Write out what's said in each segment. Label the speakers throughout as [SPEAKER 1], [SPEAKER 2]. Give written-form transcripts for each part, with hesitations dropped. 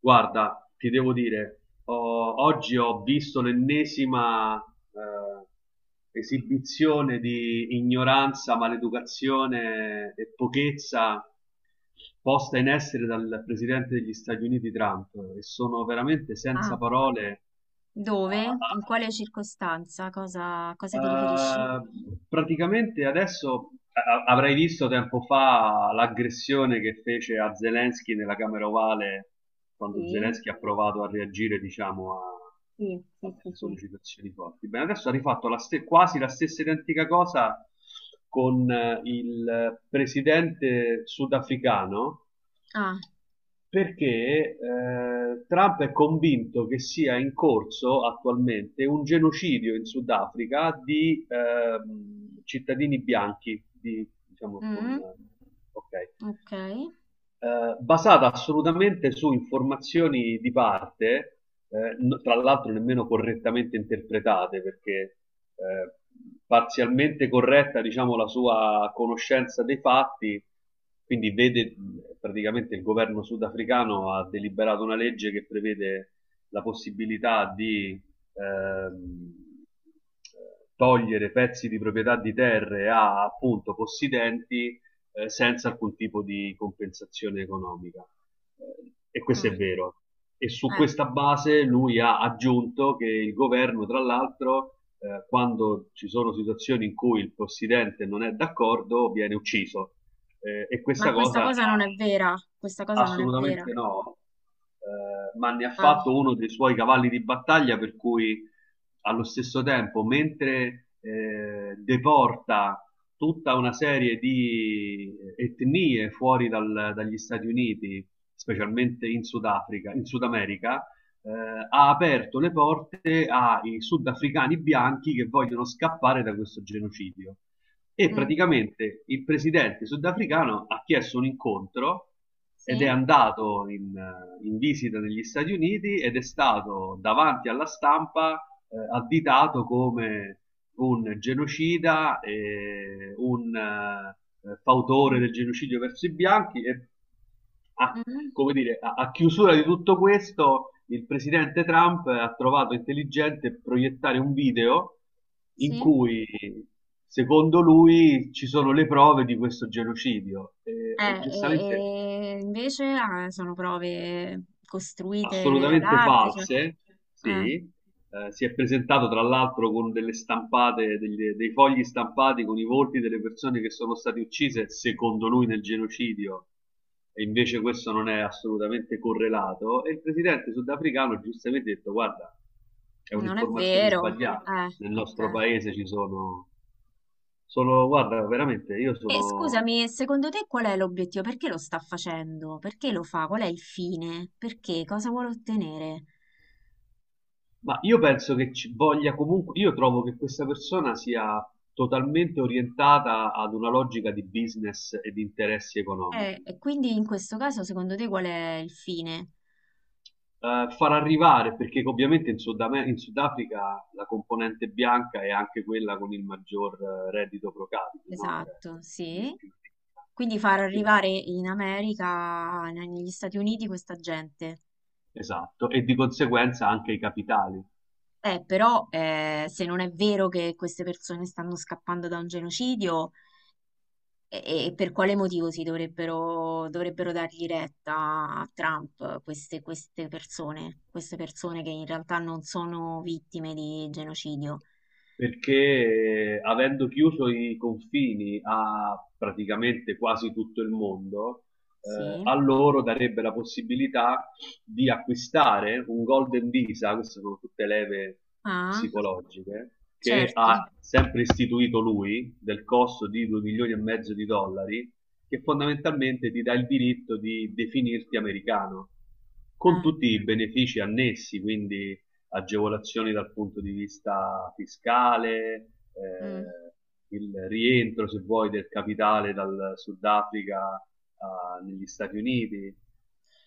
[SPEAKER 1] Guarda, ti devo dire, oggi ho visto l'ennesima esibizione di ignoranza, maleducazione e pochezza posta in essere dal presidente degli Stati Uniti Trump e sono veramente
[SPEAKER 2] Ah,
[SPEAKER 1] senza parole. a,
[SPEAKER 2] dove? In
[SPEAKER 1] a-
[SPEAKER 2] quale circostanza? Cosa ti riferisci?
[SPEAKER 1] Eh, praticamente adesso avrai visto tempo fa l'aggressione che fece a Zelensky nella Camera Ovale quando
[SPEAKER 2] Sì,
[SPEAKER 1] Zelensky ha provato a reagire, diciamo, a,
[SPEAKER 2] sì,
[SPEAKER 1] a
[SPEAKER 2] sì,
[SPEAKER 1] delle
[SPEAKER 2] sì, sì.
[SPEAKER 1] sollecitazioni forti. Bene, adesso ha rifatto quasi la stessa identica cosa con il presidente sudafricano
[SPEAKER 2] Ah,
[SPEAKER 1] perché Trump è convinto che sia in corso attualmente un genocidio in Sudafrica di cittadini bianchi, di, diciamo, con,
[SPEAKER 2] mm,
[SPEAKER 1] ok.
[SPEAKER 2] ok.
[SPEAKER 1] Basata assolutamente su informazioni di parte, tra l'altro nemmeno correttamente interpretate, perché eh, parzialmente corretta, diciamo, la sua conoscenza dei fatti, quindi vede praticamente il governo sudafricano ha deliberato una legge che prevede la possibilità di ehm, togliere pezzi di proprietà di terre a appunto possidenti senza alcun tipo di compensazione economica. E questo
[SPEAKER 2] Ah,
[SPEAKER 1] è vero. E su
[SPEAKER 2] eh,
[SPEAKER 1] questa base lui ha aggiunto che il governo, tra l'altro, quando ci sono situazioni in cui il presidente non è d'accordo, viene ucciso. E
[SPEAKER 2] Ma
[SPEAKER 1] questa
[SPEAKER 2] questa
[SPEAKER 1] cosa ha,
[SPEAKER 2] cosa non è vera. Questa cosa non è vera.
[SPEAKER 1] assolutamente no, ma ne ha
[SPEAKER 2] Ah,
[SPEAKER 1] fatto uno dei suoi cavalli di battaglia, per cui allo stesso tempo, mentre deporta tutta una serie di etnie dagli Stati Uniti, specialmente in Sudafrica, in Sud America, eh, ha aperto le porte ai sudafricani bianchi che vogliono scappare da questo genocidio. E
[SPEAKER 2] mm,
[SPEAKER 1] praticamente il presidente sudafricano ha chiesto un incontro ed è
[SPEAKER 2] sì,
[SPEAKER 1] andato in visita negli Stati Uniti ed è stato davanti alla stampa additato come un genocida, un fautore
[SPEAKER 2] mm,
[SPEAKER 1] del genocidio verso i bianchi e ha,
[SPEAKER 2] mm,
[SPEAKER 1] come dire, a chiusura di tutto questo, il presidente Trump ha trovato intelligente proiettare un video in
[SPEAKER 2] sì.
[SPEAKER 1] cui, secondo lui, ci sono le prove di questo genocidio. E,
[SPEAKER 2] Eh,
[SPEAKER 1] giustamente,
[SPEAKER 2] e invece sono prove costruite ad
[SPEAKER 1] assolutamente
[SPEAKER 2] arte, cioè,
[SPEAKER 1] false,
[SPEAKER 2] eh,
[SPEAKER 1] sì. Si è presentato tra l'altro con delle stampate, dei fogli stampati con i volti delle persone che sono state uccise, secondo lui, nel genocidio, e invece questo non è assolutamente correlato. E il presidente sudafricano giustamente ha detto: Guarda, è
[SPEAKER 2] non è
[SPEAKER 1] un'informazione
[SPEAKER 2] vero.
[SPEAKER 1] sbagliata.
[SPEAKER 2] Eh,
[SPEAKER 1] Nel nostro
[SPEAKER 2] ok.
[SPEAKER 1] paese ci sono, sono, guarda, veramente io
[SPEAKER 2] E
[SPEAKER 1] sono.
[SPEAKER 2] scusami, secondo te qual è l'obiettivo? Perché lo sta facendo? Perché lo fa? Qual è il fine? Perché? Cosa vuole ottenere?
[SPEAKER 1] Ma io penso che ci voglia comunque, io trovo che questa persona sia totalmente orientata ad una logica di business e di interessi
[SPEAKER 2] Eh,
[SPEAKER 1] economici.
[SPEAKER 2] e quindi in questo caso, secondo te qual è il fine?
[SPEAKER 1] Far arrivare, perché ovviamente in Sudafrica la componente bianca è anche quella con il maggior reddito pro capite, no? Cioè,
[SPEAKER 2] Esatto,
[SPEAKER 1] lì è
[SPEAKER 2] sì.
[SPEAKER 1] più ricca.
[SPEAKER 2] Quindi far
[SPEAKER 1] Quindi-
[SPEAKER 2] arrivare in America, negli Stati Uniti, questa gente.
[SPEAKER 1] esatto, e di conseguenza anche i capitali.
[SPEAKER 2] Però se non è vero che queste persone stanno scappando da un genocidio, e per quale motivo si dovrebbero dargli retta a Trump queste persone che in realtà non sono vittime di genocidio?
[SPEAKER 1] Perché avendo chiuso i confini a praticamente quasi tutto il mondo,
[SPEAKER 2] Sì.
[SPEAKER 1] a loro darebbe la possibilità di acquistare un Golden Visa, queste sono tutte leve
[SPEAKER 2] Ah,
[SPEAKER 1] psicologiche, che
[SPEAKER 2] certo.
[SPEAKER 1] ha sempre istituito lui, del costo di 2 milioni e mezzo di dollari, che fondamentalmente ti dà il diritto di definirti americano, con
[SPEAKER 2] Eh,
[SPEAKER 1] tutti i benefici annessi, quindi agevolazioni dal punto di vista fiscale,
[SPEAKER 2] mm.
[SPEAKER 1] eh, il rientro, se vuoi, del capitale dal Sudafrica negli Stati Uniti,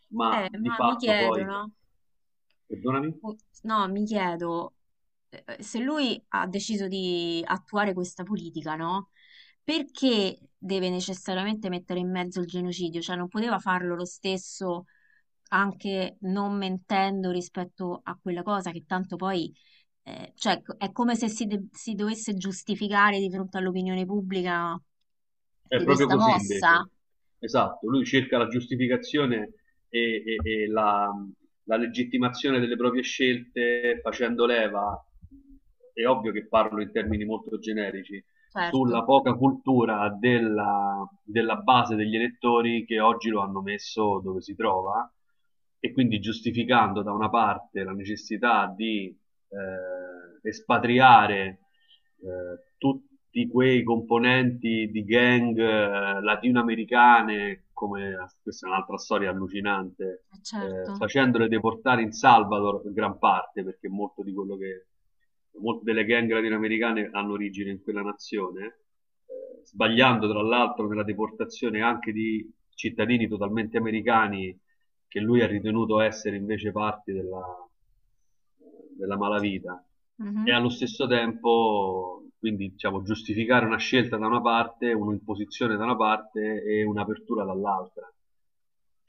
[SPEAKER 1] ma
[SPEAKER 2] Eh,
[SPEAKER 1] di
[SPEAKER 2] ma mi
[SPEAKER 1] fatto poi,
[SPEAKER 2] chiedono.
[SPEAKER 1] perdonami,
[SPEAKER 2] Oh, no, mi chiedo se lui ha deciso di attuare questa politica, no? Perché deve necessariamente mettere in mezzo il genocidio? Cioè, non poteva farlo lo stesso anche non mentendo rispetto a quella cosa che tanto poi, cioè, è come se si, si dovesse giustificare di fronte all'opinione pubblica
[SPEAKER 1] è
[SPEAKER 2] di
[SPEAKER 1] proprio
[SPEAKER 2] questa
[SPEAKER 1] così
[SPEAKER 2] mossa.
[SPEAKER 1] invece. Esatto, lui cerca la giustificazione e, e- e la legittimazione delle proprie scelte facendo leva, è ovvio che parlo in termini molto generici,
[SPEAKER 2] Certo,
[SPEAKER 1] sulla poca cultura della base degli elettori che oggi lo hanno messo dove si trova, e quindi giustificando da una parte la necessità di espatriare tutti quei componenti di gang latinoamericane, come, questa è un'altra storia allucinante,
[SPEAKER 2] certo.
[SPEAKER 1] facendole deportare in Salvador in gran parte, perché molto di quello che, molte delle gang latinoamericane hanno origine in quella nazione, sbagliando tra l'altro nella deportazione anche di cittadini totalmente americani che lui ha ritenuto essere invece parti della
[SPEAKER 2] Sì.
[SPEAKER 1] malavita, e
[SPEAKER 2] Mhm.
[SPEAKER 1] allo stesso tempo quindi diciamo, giustificare una scelta da una parte, un'imposizione da una parte e un'apertura dall'altra,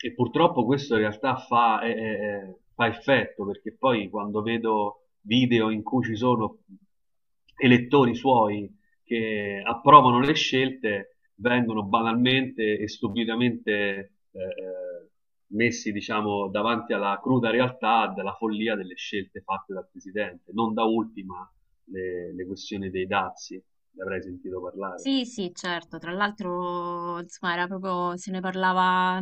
[SPEAKER 1] e purtroppo questo in realtà fa effetto, perché poi quando vedo video in cui ci sono elettori suoi che approvano le scelte, vengono banalmente e stupidamente eh, eh, messi, diciamo, davanti alla cruda realtà della follia delle scelte fatte dal presidente, non da ultima le questioni dei dazi, ne avrei sentito parlare.
[SPEAKER 2] Sì, sì, certo. Tra l'altro, insomma, era proprio, se ne parlava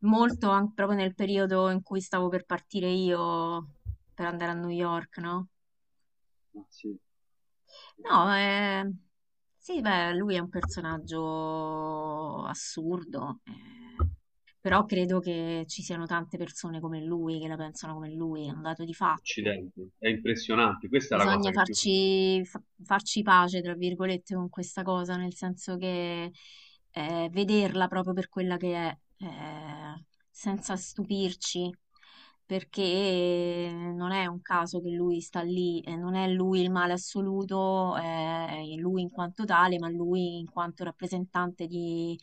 [SPEAKER 2] molto anche proprio nel periodo in cui stavo per partire io per andare a New York, no?
[SPEAKER 1] Ah, sì.
[SPEAKER 2] No, sì, beh, lui è un personaggio assurdo, però credo che ci siano tante persone come lui che la pensano come lui, è un dato di fatto.
[SPEAKER 1] Occidente. È impressionante, questa è la cosa
[SPEAKER 2] Bisogna
[SPEAKER 1] che più mi
[SPEAKER 2] farci pace, tra virgolette, con questa cosa, nel senso che vederla proprio per quella che è, eh, senza stupirci, perché non è un caso che lui sta lì, non è lui il male assoluto, lui in quanto tale, ma lui in quanto rappresentante di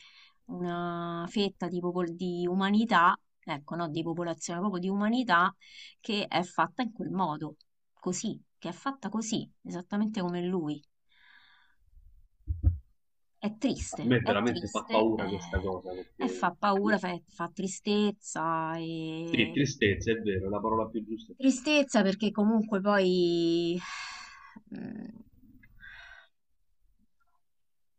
[SPEAKER 2] una fetta di umanità, ecco, no, di popolazione, proprio di umanità che è fatta in quel modo così, che è fatta così, esattamente come lui.
[SPEAKER 1] a me
[SPEAKER 2] È
[SPEAKER 1] veramente fa
[SPEAKER 2] triste,
[SPEAKER 1] paura questa cosa
[SPEAKER 2] e
[SPEAKER 1] perché,
[SPEAKER 2] fa paura, fa tristezza,
[SPEAKER 1] sì,
[SPEAKER 2] e
[SPEAKER 1] tristezza è vero, la parola più giusta è tristezza.
[SPEAKER 2] tristezza perché comunque poi mm,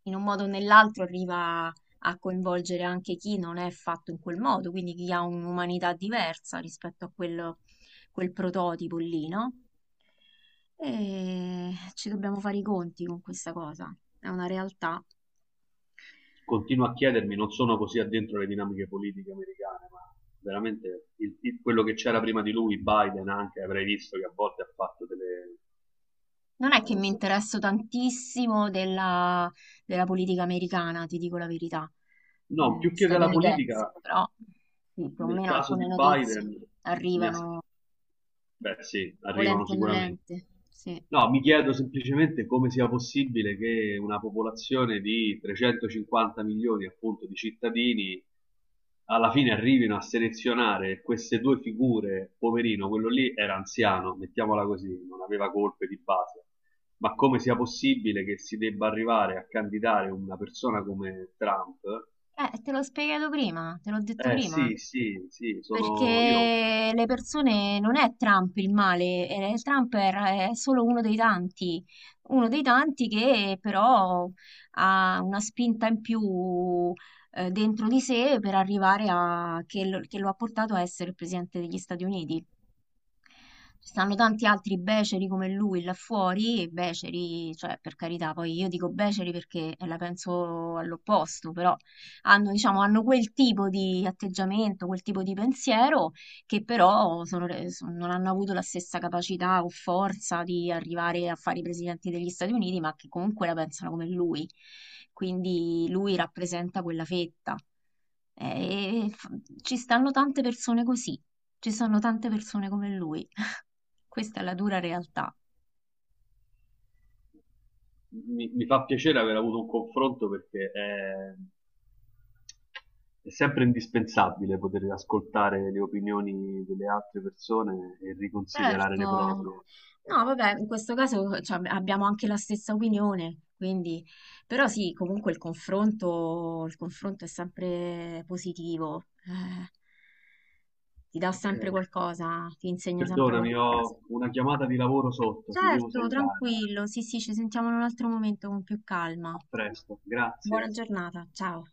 [SPEAKER 2] in un modo o nell'altro arriva a coinvolgere anche chi non è fatto in quel modo, quindi chi ha un'umanità diversa rispetto a quello, quel prototipo lì, no? E ci dobbiamo fare i conti con questa cosa, è una realtà.
[SPEAKER 1] Continuo a chiedermi, non sono così addentro le dinamiche politiche americane, ma veramente quello che c'era prima di lui, Biden anche, avrei visto che a volte ha fatto delle...
[SPEAKER 2] Non è che
[SPEAKER 1] diciamo,
[SPEAKER 2] mi interesso tantissimo della politica americana, ti dico la verità.
[SPEAKER 1] no, più che della
[SPEAKER 2] Statunitense,
[SPEAKER 1] politica,
[SPEAKER 2] però sì, più o
[SPEAKER 1] nel
[SPEAKER 2] meno
[SPEAKER 1] caso di
[SPEAKER 2] alcune notizie
[SPEAKER 1] Biden mi, as-
[SPEAKER 2] arrivano
[SPEAKER 1] beh, sì, arrivano
[SPEAKER 2] volente o
[SPEAKER 1] sicuramente.
[SPEAKER 2] nolente. Sì.
[SPEAKER 1] No, mi chiedo semplicemente come sia possibile che una popolazione di 350 milioni, appunto, di cittadini alla fine arrivino a selezionare queste due figure. Poverino, quello lì era anziano, mettiamola così, non aveva colpe di base. Ma come sia possibile che si debba arrivare a candidare una persona come Trump?
[SPEAKER 2] Te l'ho spiegato prima, te l'ho detto
[SPEAKER 1] Eh
[SPEAKER 2] prima.
[SPEAKER 1] sì, sì, sì, sono io.
[SPEAKER 2] Perché le persone non è Trump il male, Trump è solo uno dei tanti che però ha una spinta in più dentro di sé per arrivare a che lo ha portato a essere il presidente degli Stati Uniti. Ci stanno tanti altri beceri come lui là fuori, e beceri, cioè per carità, poi io dico beceri perché la penso all'opposto, però hanno, diciamo, hanno quel tipo di atteggiamento, quel tipo di pensiero che però non hanno avuto la stessa capacità o forza di arrivare a fare i presidenti degli Stati Uniti, ma che comunque la pensano come lui. Quindi lui rappresenta quella fetta. Eh, E f- ci stanno tante persone così, ci sono tante persone come lui. Questa è la dura realtà.
[SPEAKER 1] Mi fa piacere aver avuto un confronto, perché è sempre indispensabile poter ascoltare le opinioni delle altre persone e riconsiderare
[SPEAKER 2] Certo.
[SPEAKER 1] le proprie.
[SPEAKER 2] No, vabbè, in questo caso cioè, abbiamo anche la stessa opinione, quindi... Però sì, comunque il confronto è sempre positivo, ti dà
[SPEAKER 1] Ok.
[SPEAKER 2] sempre qualcosa, ti insegna sempre
[SPEAKER 1] Perdonami,
[SPEAKER 2] qualcosa.
[SPEAKER 1] ho una chiamata di lavoro sotto, ti devo
[SPEAKER 2] Certo,
[SPEAKER 1] salutare.
[SPEAKER 2] tranquillo, sì, sì, ci sentiamo in un altro momento con più calma.
[SPEAKER 1] A presto, grazie.
[SPEAKER 2] Buona giornata, ciao.